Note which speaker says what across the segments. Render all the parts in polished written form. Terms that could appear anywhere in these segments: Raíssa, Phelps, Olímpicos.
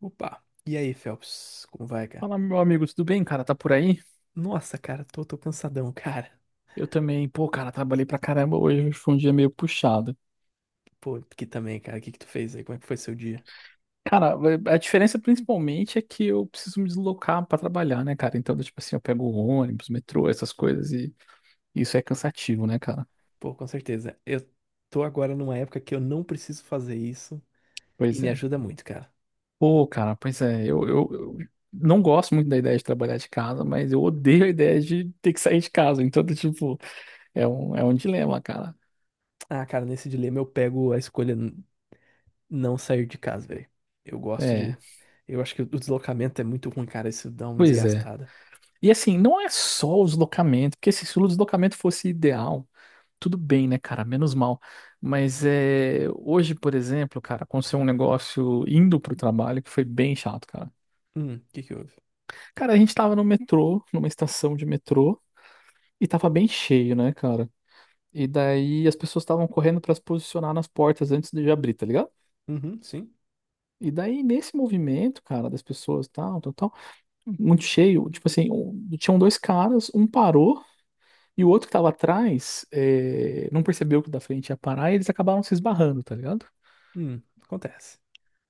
Speaker 1: Opa! E aí, Phelps? Como vai, cara?
Speaker 2: Fala, meu amigo, tudo bem, cara? Tá por aí?
Speaker 1: Nossa, cara, tô cansadão, cara.
Speaker 2: Eu também, pô, cara, trabalhei pra caramba hoje, foi um dia meio puxado.
Speaker 1: Pô, aqui também, cara. O que que tu fez aí? Como é que foi seu dia?
Speaker 2: Cara, a diferença principalmente é que eu preciso me deslocar pra trabalhar, né, cara? Então, tipo assim, eu pego o ônibus, metrô, essas coisas e isso é cansativo, né, cara?
Speaker 1: Pô, com certeza. Eu tô agora numa época que eu não preciso fazer isso e
Speaker 2: Pois
Speaker 1: me
Speaker 2: é.
Speaker 1: ajuda muito, cara.
Speaker 2: Pô, cara, pois é, eu não gosto muito da ideia de trabalhar de casa, mas eu odeio a ideia de ter que sair de casa. Então, tipo, é um dilema, cara.
Speaker 1: Ah, cara, nesse dilema eu pego a escolha não sair de casa, velho. Eu gosto
Speaker 2: É,
Speaker 1: de. Eu acho que o deslocamento é muito ruim, cara. Isso dá uma
Speaker 2: pois é.
Speaker 1: desgastada.
Speaker 2: E assim, não é só o deslocamento, porque se o deslocamento fosse ideal. Tudo bem, né, cara? Menos mal. Mas é, hoje, por exemplo, cara, aconteceu um negócio indo pro trabalho que foi bem chato, cara.
Speaker 1: O que que houve?
Speaker 2: Cara, a gente tava no metrô, numa estação de metrô, e tava bem cheio, né, cara? E daí as pessoas estavam correndo pra se posicionar nas portas antes de abrir, tá ligado?
Speaker 1: Uhum, sim.
Speaker 2: E daí, nesse movimento, cara, das pessoas, tal, tal, tal, muito cheio, tipo assim, tinham dois caras, um parou e o outro que tava atrás, não percebeu que o da frente ia parar e eles acabaram se esbarrando, tá ligado?
Speaker 1: Acontece.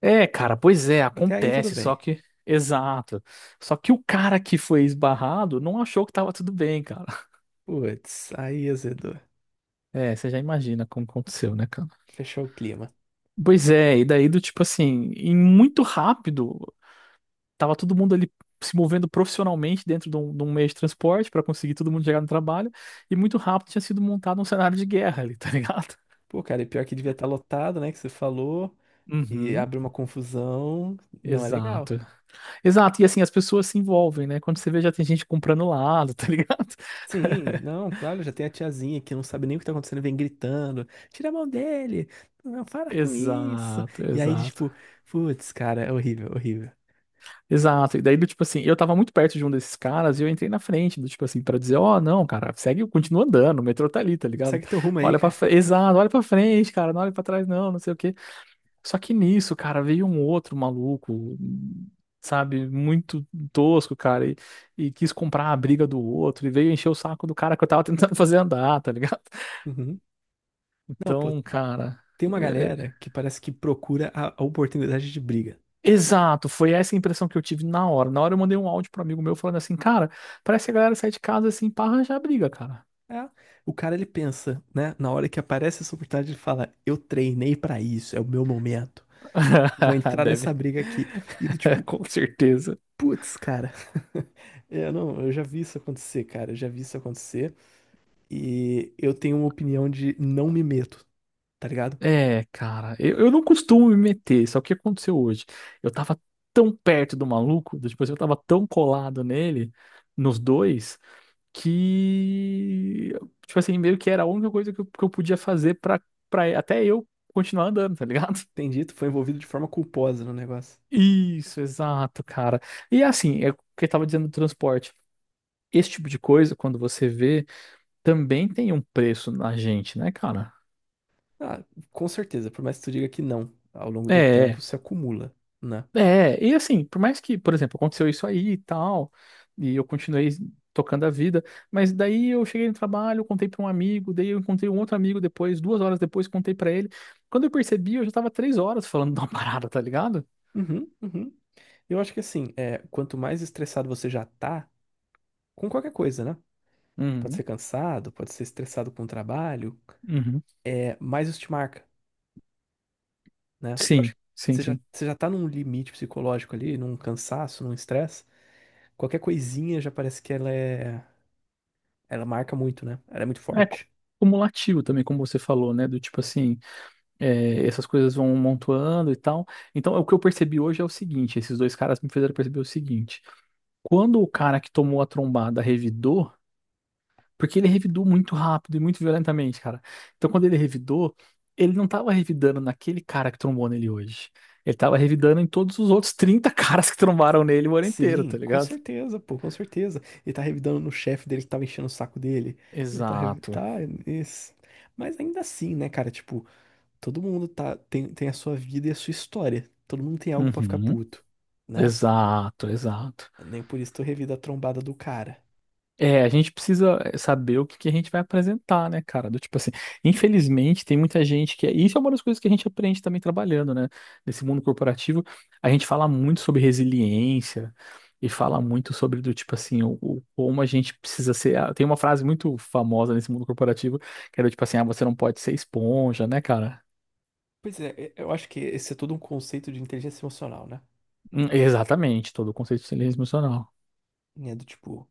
Speaker 2: É, cara, pois é,
Speaker 1: Até aí tudo
Speaker 2: acontece, só
Speaker 1: bem.
Speaker 2: que. Exato. Só que o cara que foi esbarrado não achou que tava tudo bem, cara.
Speaker 1: Putz, aí azedou.
Speaker 2: É, você já imagina como aconteceu, né, cara?
Speaker 1: Fechou o clima.
Speaker 2: Pois é, e daí do tipo assim, em muito rápido, tava todo mundo ali se movendo profissionalmente dentro de um meio de transporte pra conseguir todo mundo chegar no trabalho, e muito rápido tinha sido montado um cenário de guerra ali, tá ligado?
Speaker 1: Pô, cara, e pior que devia estar lotado, né? Que você falou. E
Speaker 2: Uhum,
Speaker 1: abre uma confusão. Não é
Speaker 2: exato.
Speaker 1: legal.
Speaker 2: Exato, e assim, as pessoas se envolvem, né? Quando você vê, já tem gente comprando lado, tá ligado?
Speaker 1: Sim, não, claro, já tem a tiazinha que não sabe nem o que tá acontecendo, vem gritando. Tira a mão dele! Não, para com isso!
Speaker 2: Exato,
Speaker 1: E aí,
Speaker 2: exato.
Speaker 1: tipo, putz, cara, é horrível, horrível.
Speaker 2: Exato. E daí, do tipo assim, eu tava muito perto de um desses caras e eu entrei na frente, do tipo assim, pra dizer, ó, não, cara, segue, continua andando, o metrô tá ali, tá ligado?
Speaker 1: Segue teu rumo aí,
Speaker 2: Olha pra
Speaker 1: cara.
Speaker 2: frente, exato, olha pra frente, cara, não olha pra trás, não, não sei o quê. Só que nisso, cara, veio um outro maluco, sabe, muito tosco, cara, e quis comprar a briga do outro, e veio encher o saco do cara que eu tava tentando fazer andar, tá ligado?
Speaker 1: Uhum. Não, pô,
Speaker 2: Então, cara.
Speaker 1: tem uma
Speaker 2: é,
Speaker 1: galera que parece que procura a oportunidade de briga.
Speaker 2: Exato, foi essa a impressão que eu tive na hora. Na hora eu mandei um áudio pro amigo meu falando assim, cara, parece que a galera sai de casa assim pra arranjar briga, cara.
Speaker 1: É, o cara, ele pensa, né? Na hora que aparece essa oportunidade, ele fala: Eu treinei pra isso, é o meu momento. Vou entrar nessa
Speaker 2: Deve,
Speaker 1: briga aqui. E do tipo,
Speaker 2: com certeza.
Speaker 1: putz, cara. Eu não, eu já vi isso acontecer, cara. Eu já vi isso acontecer. E eu tenho uma opinião de não me meto, tá ligado?
Speaker 2: É, cara, eu não costumo me meter, só que o que aconteceu hoje? Eu tava tão perto do maluco, tipo assim, eu tava tão colado nele, nos dois, que, tipo assim, meio que era a única coisa que eu podia fazer pra, pra até eu continuar andando, tá ligado?
Speaker 1: Tem dito, foi envolvido de forma culposa no negócio.
Speaker 2: Isso, exato, cara. E assim, é o que eu tava dizendo do transporte. Esse tipo de coisa, quando você vê, também tem um preço na gente, né, cara?
Speaker 1: Ah, com certeza, por mais que tu diga que não, ao longo do tempo
Speaker 2: É,
Speaker 1: se acumula, né?
Speaker 2: é. E assim, por mais que, por exemplo, aconteceu isso aí e tal, e eu continuei tocando a vida, mas daí eu cheguei no trabalho, contei pra um amigo, daí eu encontrei um outro amigo depois, 2 horas depois, contei pra ele. Quando eu percebi, eu já tava 3 horas falando de uma parada, tá ligado?
Speaker 1: Uhum, uhum. Eu acho que assim, é, quanto mais estressado você já tá, com qualquer coisa, né? Pode
Speaker 2: Uhum,
Speaker 1: ser cansado, pode ser estressado com o trabalho,
Speaker 2: uhum.
Speaker 1: é, mais isso te marca. Né? Eu acho
Speaker 2: Sim,
Speaker 1: que
Speaker 2: sim,
Speaker 1: você já,
Speaker 2: sim.
Speaker 1: você já tá num limite psicológico ali, num cansaço, num estresse. Qualquer coisinha já parece que ela é. Ela marca muito, né? Ela é muito
Speaker 2: É,
Speaker 1: forte.
Speaker 2: cumulativo também, como você falou, né? Do tipo assim, é, essas coisas vão montando e tal. Então, o que eu percebi hoje é o seguinte: esses dois caras me fizeram perceber o seguinte. Quando o cara que tomou a trombada revidou, porque ele revidou muito rápido e muito violentamente, cara. Então, quando ele revidou, ele não tava revidando naquele cara que trombou nele hoje. Ele tava revidando em todos os outros 30 caras que trombaram nele o ano inteiro,
Speaker 1: Sim,
Speaker 2: tá
Speaker 1: com
Speaker 2: ligado?
Speaker 1: certeza, pô, com certeza. Ele tá revidando no chefe dele que tava enchendo o saco dele. Ele tá, revi-
Speaker 2: Exato.
Speaker 1: tá, isso. Mas ainda assim, né, cara? Tipo, todo mundo tá, tem a sua vida e a sua história. Todo mundo tem algo pra ficar
Speaker 2: Uhum.
Speaker 1: puto, né?
Speaker 2: Exato, exato.
Speaker 1: Nem por isso tu revida a trombada do cara.
Speaker 2: É, a gente precisa saber o que que a gente vai apresentar, né, cara? Do tipo assim, infelizmente tem muita gente que. Isso é uma das coisas que a gente aprende também trabalhando, né? Nesse mundo corporativo, a gente fala muito sobre resiliência e fala muito sobre do tipo assim, como a gente precisa ser. Tem uma frase muito famosa nesse mundo corporativo que era tipo assim, você não pode ser esponja, né, cara?
Speaker 1: Pois é, eu acho que esse é todo um conceito de inteligência emocional, né?
Speaker 2: Exatamente, todo o conceito de inteligência emocional.
Speaker 1: É do tipo,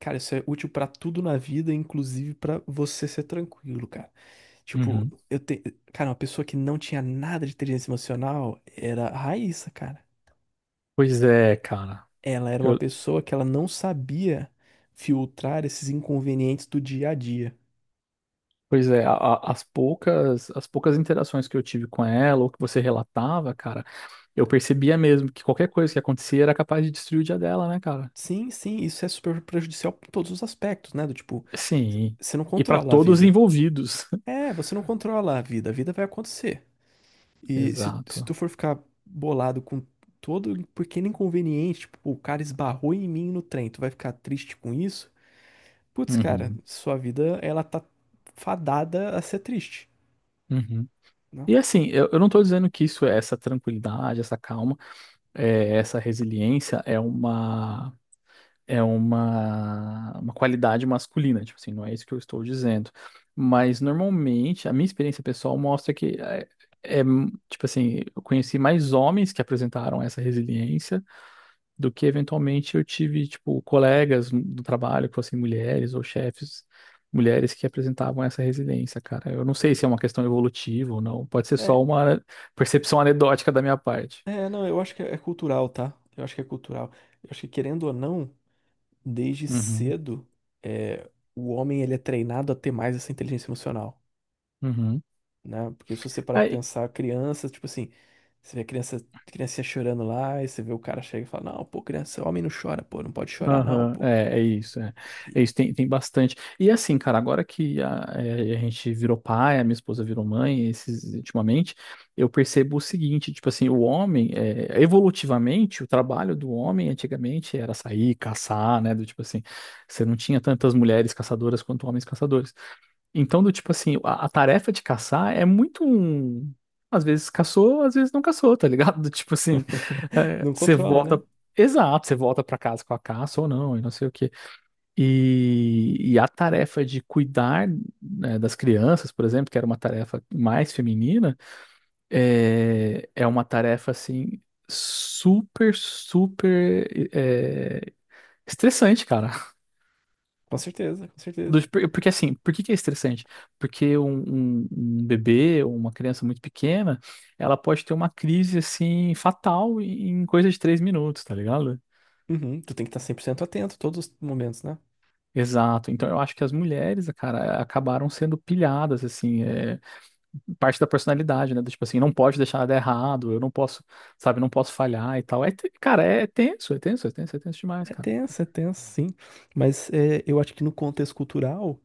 Speaker 1: cara, isso é útil pra tudo na vida, inclusive pra você ser tranquilo, cara. Tipo,
Speaker 2: Uhum.
Speaker 1: eu tenho. Cara, uma pessoa que não tinha nada de inteligência emocional era a Raíssa, cara.
Speaker 2: Pois é, cara.
Speaker 1: Ela era uma pessoa que ela não sabia filtrar esses inconvenientes do dia a dia.
Speaker 2: Pois é, as poucas interações que eu tive com ela, ou que você relatava, cara, eu percebia mesmo que qualquer coisa que acontecia era capaz de destruir o dia dela, né, cara?
Speaker 1: Sim, sim, isso é super prejudicial em todos os aspectos, né? Do tipo,
Speaker 2: Sim,
Speaker 1: você não
Speaker 2: e para
Speaker 1: controla a
Speaker 2: todos os
Speaker 1: vida.
Speaker 2: envolvidos.
Speaker 1: É, você não controla a vida vai acontecer. E se
Speaker 2: Exato.
Speaker 1: tu for ficar bolado com todo pequeno inconveniente, tipo, pô, o cara esbarrou em mim no trem, tu vai ficar triste com isso? Putz, cara,
Speaker 2: Uhum,
Speaker 1: sua vida, ela tá fadada a ser triste,
Speaker 2: uhum.
Speaker 1: né?
Speaker 2: E assim, eu não tô dizendo que isso é essa tranquilidade, essa calma, essa resiliência é uma qualidade masculina, tipo assim, não é isso que eu estou dizendo. Mas normalmente, a minha experiência pessoal mostra que é, tipo assim, eu conheci mais homens que apresentaram essa resiliência do que eventualmente eu tive, tipo, colegas do trabalho que fossem mulheres ou chefes. Mulheres que apresentavam essa resiliência, cara. Eu não sei se é uma questão evolutiva ou não. Pode ser
Speaker 1: É,
Speaker 2: só uma percepção anedótica da minha parte.
Speaker 1: não, eu acho que é cultural, tá? Eu acho que é cultural. Eu acho que, querendo ou não, desde
Speaker 2: Uhum,
Speaker 1: cedo, é, o homem, ele é treinado a ter mais essa inteligência emocional.
Speaker 2: uhum.
Speaker 1: Né? Porque se você parar pra
Speaker 2: Aí,
Speaker 1: pensar, criança, tipo assim, você vê a criança, criança chorando lá, e você vê o cara chega e fala, não, pô, criança, homem não chora, pô, não pode chorar, não,
Speaker 2: aham,
Speaker 1: pô.
Speaker 2: é isso, tem bastante. E assim, cara, agora que a gente virou pai, a minha esposa virou mãe, esses, ultimamente, eu percebo o seguinte, tipo assim, o homem, evolutivamente, o trabalho do homem antigamente era sair, caçar, né, do tipo assim, você não tinha tantas mulheres caçadoras quanto homens caçadores. Então, do tipo assim, a tarefa de caçar é muito um. Às vezes caçou, às vezes não caçou, tá ligado? Do tipo assim,
Speaker 1: Não
Speaker 2: você
Speaker 1: controla,
Speaker 2: volta.
Speaker 1: né?
Speaker 2: Exato, você volta pra casa com a caça ou não, e não sei o quê. E e a tarefa de cuidar, né, das crianças, por exemplo, que era uma tarefa mais feminina, é, é uma tarefa assim, super, super, é, estressante, cara.
Speaker 1: Com certeza, com certeza.
Speaker 2: Porque assim, por que que é estressante? Porque um bebê ou uma criança muito pequena, ela pode ter uma crise assim fatal em coisa de 3 minutos, tá ligado?
Speaker 1: Uhum, tu tem que estar 100% atento todos os momentos, né?
Speaker 2: Exato. Então eu acho que as mulheres, cara, acabaram sendo pilhadas, assim, parte da personalidade, né? Do tipo assim, não pode deixar nada errado, eu não posso, sabe, não posso falhar e tal. É, cara, é tenso, é tenso, é tenso, é tenso demais, cara.
Speaker 1: É tenso, sim. Mas é, eu acho que no contexto cultural,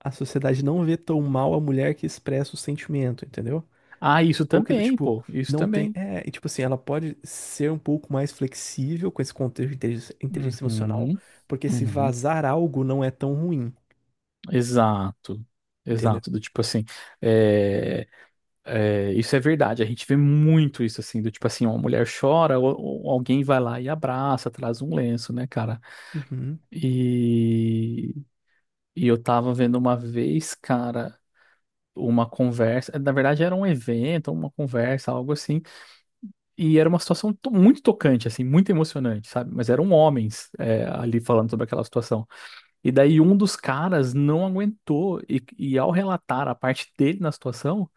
Speaker 1: a sociedade não vê tão mal a mulher que expressa o sentimento, entendeu?
Speaker 2: Ah, isso
Speaker 1: Ou que do
Speaker 2: também,
Speaker 1: tipo,
Speaker 2: pô, isso
Speaker 1: não tem.
Speaker 2: também.
Speaker 1: É, e tipo assim, ela pode ser um pouco mais flexível com esse contexto de inteligência emocional,
Speaker 2: Uhum,
Speaker 1: porque se
Speaker 2: uhum.
Speaker 1: vazar algo não é tão ruim,
Speaker 2: Exato,
Speaker 1: entendeu?
Speaker 2: exato, do tipo assim, é, isso é verdade, a gente vê muito isso assim, do tipo assim, uma mulher chora, ou alguém vai lá e abraça, traz um lenço, né, cara?
Speaker 1: Uhum,
Speaker 2: E e eu tava vendo uma vez, cara, uma conversa, na verdade era um evento, uma conversa, algo assim, e era uma situação muito tocante, assim, muito emocionante, sabe? Mas eram homens, ali falando sobre aquela situação. E daí um dos caras não aguentou e ao relatar a parte dele na situação,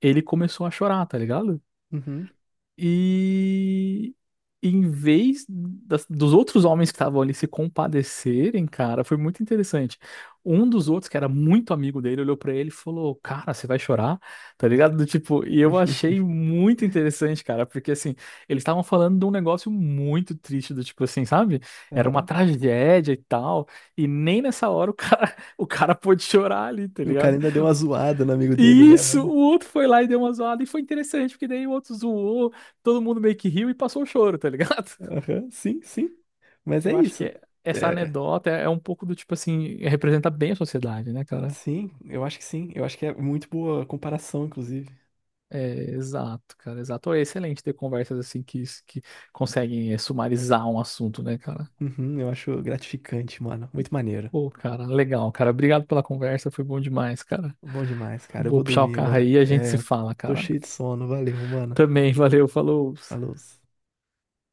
Speaker 2: ele começou a chorar, tá ligado?
Speaker 1: uhum,
Speaker 2: E em vez dos outros homens que estavam ali se compadecerem, cara, foi muito interessante. Um dos outros, que era muito amigo dele, olhou pra ele e falou: Cara, você vai chorar? Tá ligado? Do tipo, e eu achei muito interessante, cara, porque assim, eles estavam falando de um negócio muito triste, do tipo assim, sabe? Era uma
Speaker 1: aham.
Speaker 2: tragédia e tal, e nem nessa hora o cara, o cara pôde chorar ali, tá
Speaker 1: O cara
Speaker 2: ligado?
Speaker 1: ainda deu uma zoada no amigo dele, né,
Speaker 2: Isso,
Speaker 1: mano?
Speaker 2: o outro foi lá e deu uma zoada e foi interessante, porque daí o outro zoou, todo mundo meio que riu e passou o choro, tá ligado?
Speaker 1: Aham, sim, sim. Mas é
Speaker 2: Eu acho que
Speaker 1: isso.
Speaker 2: essa
Speaker 1: É,
Speaker 2: anedota é um pouco do tipo assim, representa bem a sociedade, né, cara?
Speaker 1: sim, eu acho que sim. Eu acho que é muito boa comparação, inclusive.
Speaker 2: É, exato, cara, exato. É excelente ter conversas assim que, conseguem sumarizar um assunto, né, cara?
Speaker 1: Uhum, eu acho gratificante, mano. Muito maneiro.
Speaker 2: Pô, cara, legal, cara. Obrigado pela conversa, foi bom demais, cara.
Speaker 1: Bom demais, cara. Eu
Speaker 2: Vou
Speaker 1: vou
Speaker 2: puxar o
Speaker 1: dormir
Speaker 2: carro
Speaker 1: agora.
Speaker 2: aí e a gente se
Speaker 1: É,
Speaker 2: fala,
Speaker 1: tô
Speaker 2: cara.
Speaker 1: cheio de sono. Valeu, mano.
Speaker 2: Também, valeu, falou.
Speaker 1: A luz.